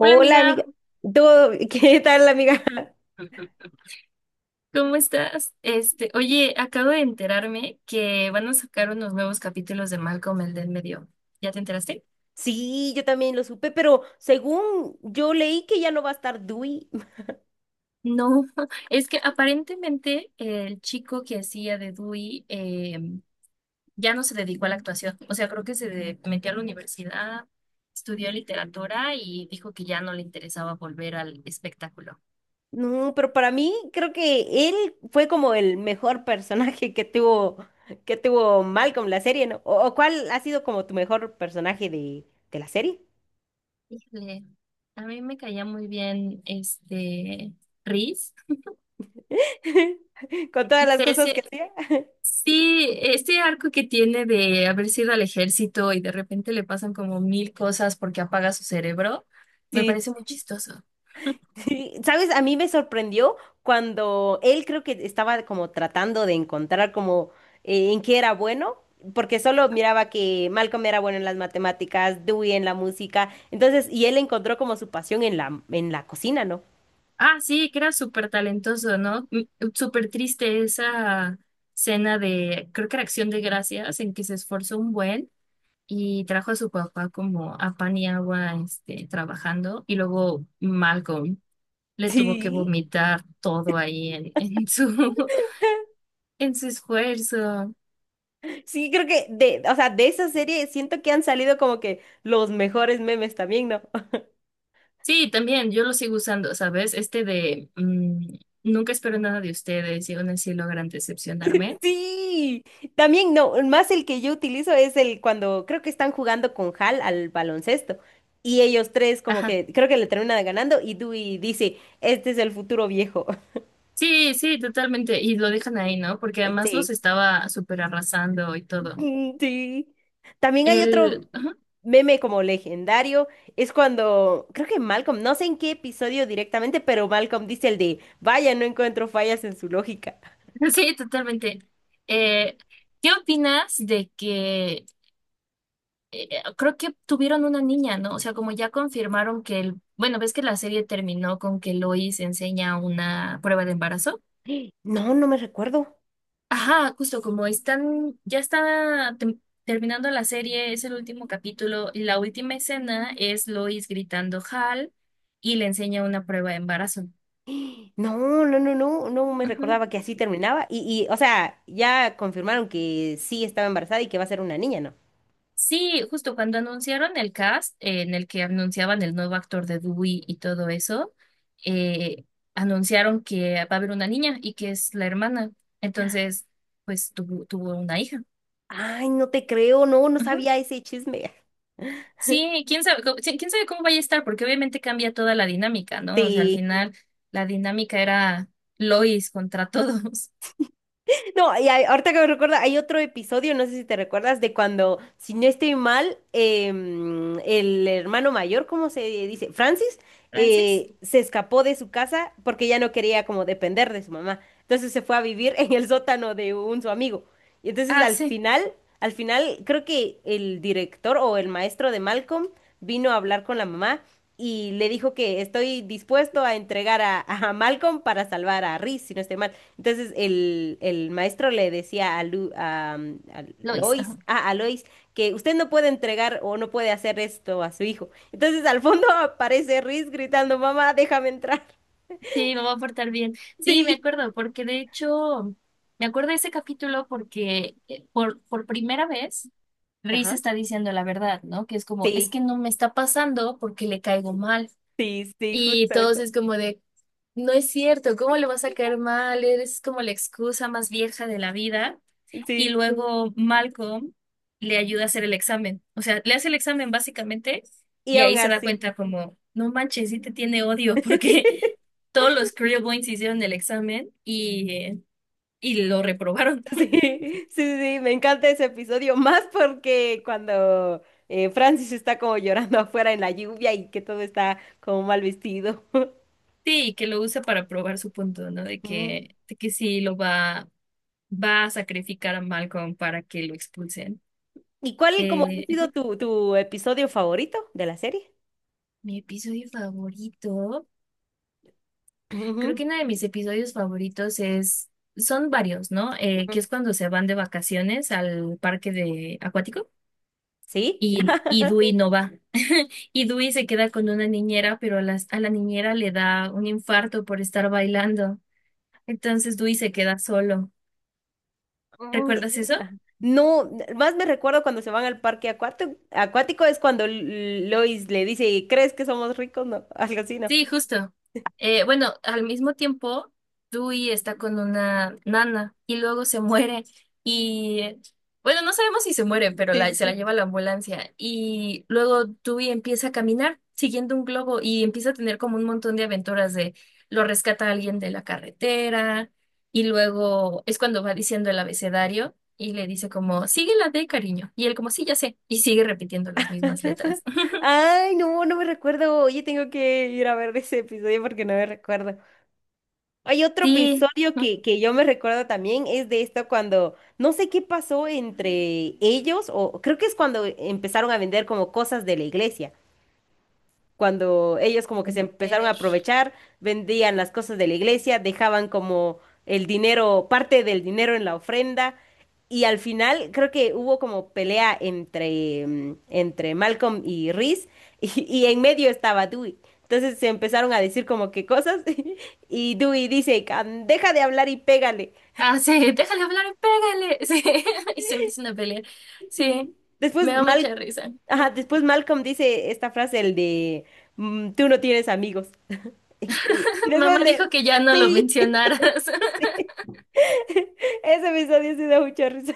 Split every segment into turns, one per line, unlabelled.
Hola
amiga.
amiga,
¿Todo- ¿Qué tal, amiga?
¿cómo estás? Oye, acabo de enterarme que van a sacar unos nuevos capítulos de Malcolm el del medio. ¿Ya te enteraste?
Sí, yo también lo supe, pero según yo leí que ya no va a estar Dewey.
No, es que aparentemente el chico que hacía de Dewey ya no se dedicó a la actuación. O sea, creo que metió a la universidad, estudió literatura y dijo que ya no le interesaba volver al espectáculo.
No, pero para mí creo que él fue como el mejor personaje que tuvo Malcolm la serie, ¿no? ¿O cuál ha sido como tu mejor personaje de la serie?
Híjole, a mí me caía muy bien Reese.
Con todas
No
las
sé,
cosas
si
que hacía.
Sí, este arco que tiene de haber sido al ejército y de repente le pasan como mil cosas porque apaga su cerebro, me
Sí.
parece muy chistoso.
Sí, ¿sabes? A mí me sorprendió cuando él creo que estaba como tratando de encontrar como en qué era bueno, porque solo miraba que Malcolm era bueno en las matemáticas, Dewey en la música, entonces, y él encontró como su pasión en la cocina, ¿no?
Ah, sí, que era súper talentoso, ¿no? Súper triste esa escena de, creo que era Acción de Gracias, en que se esforzó un buen y trajo a su papá como a pan y agua, trabajando, y luego Malcolm le tuvo que
Sí,
vomitar todo ahí en su, en su esfuerzo.
sí, creo que de, o sea, de esa serie siento que han salido como que los mejores memes también, ¿no?
Sí, también, yo lo sigo usando, ¿sabes? Este de nunca espero nada de ustedes y aún así logran decepcionarme.
Sí, también no, más el que yo utilizo es el cuando creo que están jugando con Hal al baloncesto y ellos tres como
Ajá.
que creo que le terminan ganando y Dewey dice, este es el futuro viejo.
Sí, sí, totalmente. Y lo dejan ahí, ¿no? Porque además los
Sí,
estaba súper arrasando y todo.
mm, sí. También hay otro
Ajá.
meme como legendario, es cuando creo que Malcolm, no sé en qué episodio directamente, pero Malcolm dice el de, vaya, no encuentro fallas en su lógica.
Sí, totalmente. Eh, ¿Qué opinas de que eh, creo que tuvieron una niña, ¿no? O sea, como ya confirmaron que Bueno, ves que la serie terminó con que Lois enseña una prueba de embarazo.
No, no me recuerdo.
Ajá, justo como están, terminando la serie, es el último capítulo y la última escena es Lois gritando Hal y le enseña una prueba de embarazo.
No, no, no me
Ujú.
recordaba que así terminaba. Y, o sea, ya confirmaron que sí estaba embarazada y que va a ser una niña, ¿no?
Sí, justo cuando anunciaron el cast, en el que anunciaban el nuevo actor de Dewey y todo eso, eh, anunciaron que va a haber una niña y que es la hermana. Entonces, pues tuvo una hija.
Ay, no te creo, no, no sabía ese chisme.
Sí, quién sabe, sí, quién sabe cómo vaya a estar, porque obviamente cambia toda la dinámica, ¿no? O sea, al
Sí.
final la dinámica era Lois contra todos.
No, y hay- ahorita que me recuerda, hay otro episodio, no sé si te recuerdas, de cuando, si no estoy mal, el hermano mayor, ¿cómo se dice? Francis,
¿Francis?
se escapó de su casa porque ya no quería como depender de su mamá. Entonces se fue a vivir en el sótano de un su amigo. Y entonces
Ah, sí,
al final, creo que el director o el maestro de Malcolm vino a hablar con la mamá y le dijo que estoy dispuesto a entregar a, a Malcolm para salvar a Reese, si no estoy mal. Entonces el maestro le decía a, Lu- a
Lois. Ajá.
Lois, ah, a Lois, que usted no puede entregar o no puede hacer esto a su hijo. Entonces al fondo aparece Reese gritando, mamá, déjame entrar.
Sí, me va a portar bien. Sí, me
Sí.
acuerdo, porque de hecho, me acuerdo de ese capítulo porque por primera vez Reese
Ajá.
está diciendo la verdad, ¿no? Que es como, es
Sí,
que no me está pasando porque le caigo mal.
sí, sí,
Y
justo
todos
eso.
es como de, no es cierto, ¿cómo le vas a caer mal? Eres como la excusa más vieja de la vida. Y
Sí.
luego Malcolm le ayuda a hacer el examen. O sea, le hace el examen básicamente
Y
y
aún
ahí se da
así,
cuenta como, no manches, sí te tiene odio porque todos los Boys hicieron el examen y lo reprobaron.
sí, sí, sí, me encanta ese episodio, más porque cuando Francis está como llorando afuera en la lluvia y que todo está como mal vestido.
Sí, y que lo usa para probar su punto, ¿no? De que sí va a sacrificar a Malcolm para que lo expulsen.
¿Y cuál como ha sido
Ujú.
tu episodio favorito de la serie?
Mi episodio favorito. Creo
Ujú,
que uno de mis episodios favoritos es, son varios, ¿no?
ujú.
Que es cuando se van de vacaciones al parque de acuático
¿Sí?
y Dewey no va. Y Dewey se queda con una niñera, pero a la niñera le da un infarto por estar bailando. Entonces Dewey se queda solo.
Mm,
¿Recuerdas eso?
ajá. No, n- más me recuerdo cuando se van al parque acuático, acuático es cuando L- Lois le dice, ¿crees que somos ricos? No, algo así, ¿no?
Sí, justo. Bueno, al mismo tiempo, Dewey está con una nana y luego se muere. Y bueno, no sabemos si se muere, pero
Sí, sí,
se la
sí.
lleva a la ambulancia. Y luego Dewey empieza a caminar siguiendo un globo y empieza a tener como un montón de aventuras de lo rescata alguien de la carretera. Y luego es cuando va diciendo el abecedario y le dice como, sigue la D, cariño. Y él como, sí, ya sé. Y sigue repitiendo las mismas letras.
Ay, no, no me recuerdo. Oye, tengo que ir a ver ese episodio porque no me recuerdo. Hay otro
Sí.
episodio que, que yo me recuerdo también, es de esto cuando no sé qué pasó entre ellos, o creo que es cuando empezaron a vender como cosas de la iglesia cuando ellos como que se empezaron a
Eh,
aprovechar, vendían las cosas de la iglesia, dejaban como el dinero, parte del dinero en la ofrenda, y al final creo que hubo como pelea entre, mm, entre Malcolm y Reese, y en medio estaba Dewey. Entonces se empezaron a decir como que cosas, y Dewey dice, "Can- deja de hablar y pégale."
Ah, sí, déjale hablar, pégale. Sí, y se empiezan a pelear. Sí,
Después,
me da
Mal,
mucha risa.
ajá, después Malcolm dice esta frase, el de, "Mm, tú no tienes amigos." Y después
Mamá
el
dijo
de,
que ya no lo
sí.
mencionaras.
Ese episodio sí da mucha risa.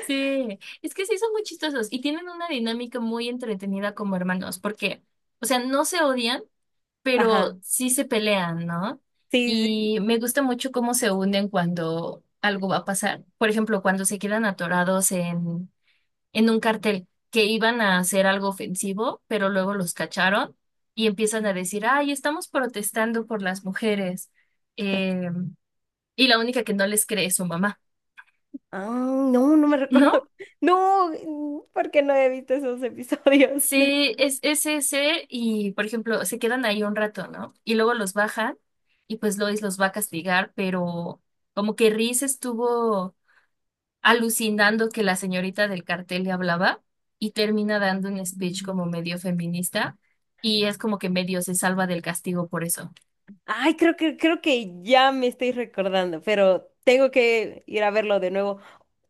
Sí, es que sí son muy chistosos y tienen una dinámica muy entretenida como hermanos, porque, o sea, no se odian,
Ajá,
pero sí se pelean, ¿no?
sí, sí.
Y me gusta mucho cómo se unen cuando algo va a pasar. Por ejemplo, cuando se quedan atorados en un cartel que iban a hacer algo ofensivo, pero luego los cacharon y empiezan a decir, ay, estamos protestando por las mujeres. eh, y la única que no les cree es su mamá,
Ah, no, no me recuerdo.
¿no?
No, ¿porque no he visto esos episodios?
Sí, es ese y, por ejemplo, se quedan ahí un rato, ¿no? Y luego los bajan y pues Lois los va a castigar, pero como que Reese estuvo alucinando que la señorita del cartel le hablaba y termina dando un speech como medio feminista y es como que medio se salva del castigo por eso.
Ay, creo que ya me estoy recordando, pero tengo que ir a verlo de nuevo.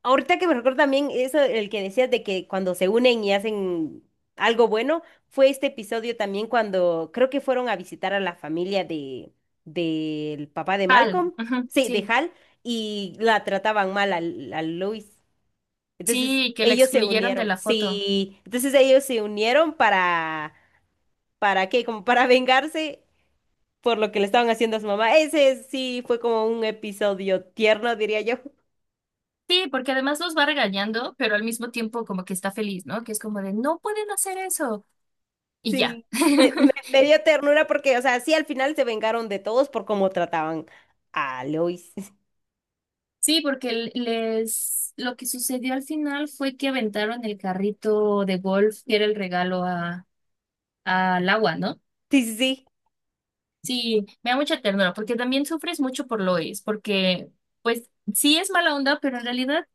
Ahorita que me recuerdo también eso, el que decías de que cuando se unen y hacen algo bueno, fue este episodio también cuando creo que fueron a visitar a la familia de del papá de
Tal,
Malcolm,
ujú,
sí, de
sí,
Hal, y la trataban mal al- a, Luis. Entonces
sí, que la
ellos se
excluyeron de
unieron,
la foto.
sí, entonces ellos se unieron ¿para qué? Como para vengarse por lo que le estaban haciendo a su mamá. Ese sí fue como un episodio tierno, diría yo.
Sí, porque además los va regañando, pero al mismo tiempo como que está feliz, ¿no? Que es como de, no pueden hacer eso. Y ya.
Sí, me dio ternura porque, o sea, sí, al final se vengaron de todos por cómo trataban a Lois.
Sí, porque les lo que sucedió al final fue que aventaron el carrito de golf que era el regalo a al agua, ¿no?
Sí, sí, sí.
Sí, me da mucha ternura, porque también sufres mucho por Lois, porque pues sí es mala onda, pero en realidad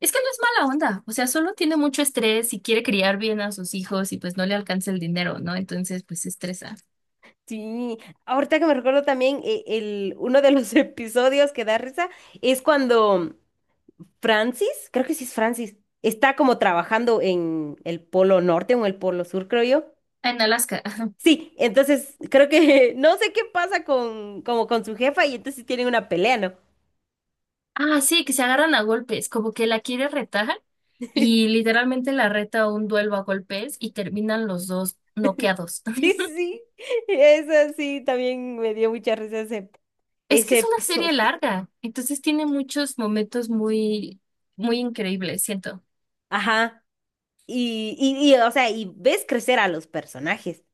es que no es mala onda, o sea, solo tiene mucho estrés y quiere criar bien a sus hijos y pues no le alcanza el dinero, ¿no? Entonces pues se estresa.
Sí, ahorita que me recuerdo también, el, uno de los episodios que da risa es cuando Francis, creo que sí es Francis, está como trabajando en el polo norte o en el polo sur, creo yo.
Ah, en Alaska. Ajá.
Sí, entonces creo que no sé qué pasa con, como con su jefa y entonces tienen una pelea, ¿no?
Ah, sí, que se agarran a golpes, como que la quiere retar y literalmente la reta a un duelo a golpes y terminan los dos noqueados.
Sí, sí, eso sí, también me dio mucha risa ese,
Es que
ese
es una
episodio.
serie larga, entonces tiene muchos momentos muy increíbles, siento.
Ajá, y, o sea, y ves crecer a los personajes.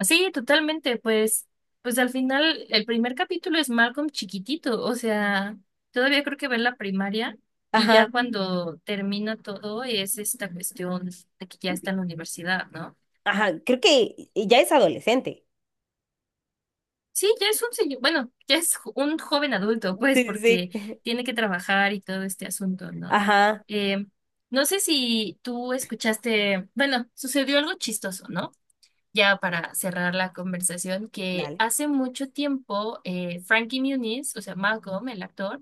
Sí, totalmente, pues, pues al final el primer capítulo es Malcolm chiquitito, o sea, todavía creo que va en la primaria y
Ajá,
ya cuando termina todo es esta cuestión de que ya está en la universidad, ¿no?
ajá, creo que ya es adolescente.
Sí, ya es un señor, bueno, un joven adulto, pues,
Sí, sí,
porque
sí.
tiene que trabajar y todo este asunto, ¿no?
Ajá,
Eh, no sé si tú escuchaste, bueno, sucedió algo chistoso, ¿no? Ya para cerrar la conversación, que
dale.
hace mucho tiempo Frankie Muniz, o sea, Malcolm, el actor,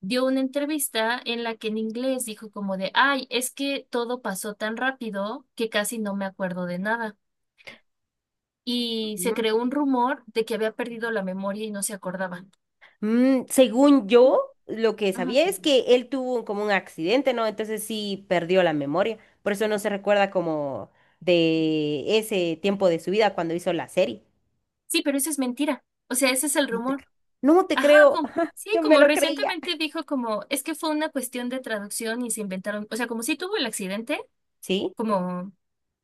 dio una entrevista en la que en inglés dijo como de, ay, es que todo pasó tan rápido que casi no me acuerdo de nada. Y se
Ujú.
creó un rumor de que había perdido la memoria y no se acordaba.
Mm, según yo, lo que
Ajá.
sabía es que él tuvo como un accidente, ¿no? Entonces sí perdió la memoria, por eso no se recuerda como de ese tiempo de su vida cuando hizo la serie.
Sí, pero eso es mentira. O sea, ese es el
No te
rumor.
creo. No te
Ajá,
creo.
como,
Ajá,
sí,
yo me
como
lo creía.
recientemente dijo como, es que fue una cuestión de traducción y se inventaron, o sea, como si tuvo el accidente,
¿Sí?
como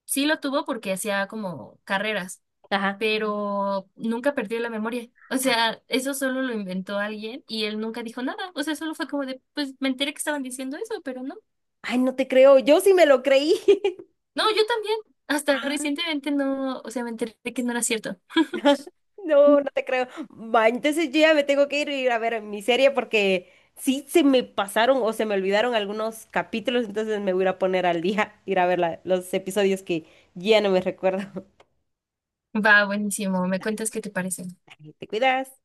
sí lo tuvo porque hacía como carreras,
Ajá.
pero nunca perdió la memoria. O sea, eso solo lo inventó alguien y él nunca dijo nada. O sea, solo fue como de, pues me enteré que estaban diciendo eso, pero no.
Ay, no te creo. Yo sí me lo creí.
No, yo también. Hasta
Ah,
recientemente no, o sea, me enteré que no era cierto.
no, no te creo. Va, entonces yo ya me tengo que ir, ir a ver mi serie porque sí se me pasaron o se me olvidaron algunos capítulos, entonces me voy a ir a poner al día, ir a ver la- los episodios que ya no me recuerdo.
Va, buenísimo. ¿Me cuentas qué te parece?
Te cuidas.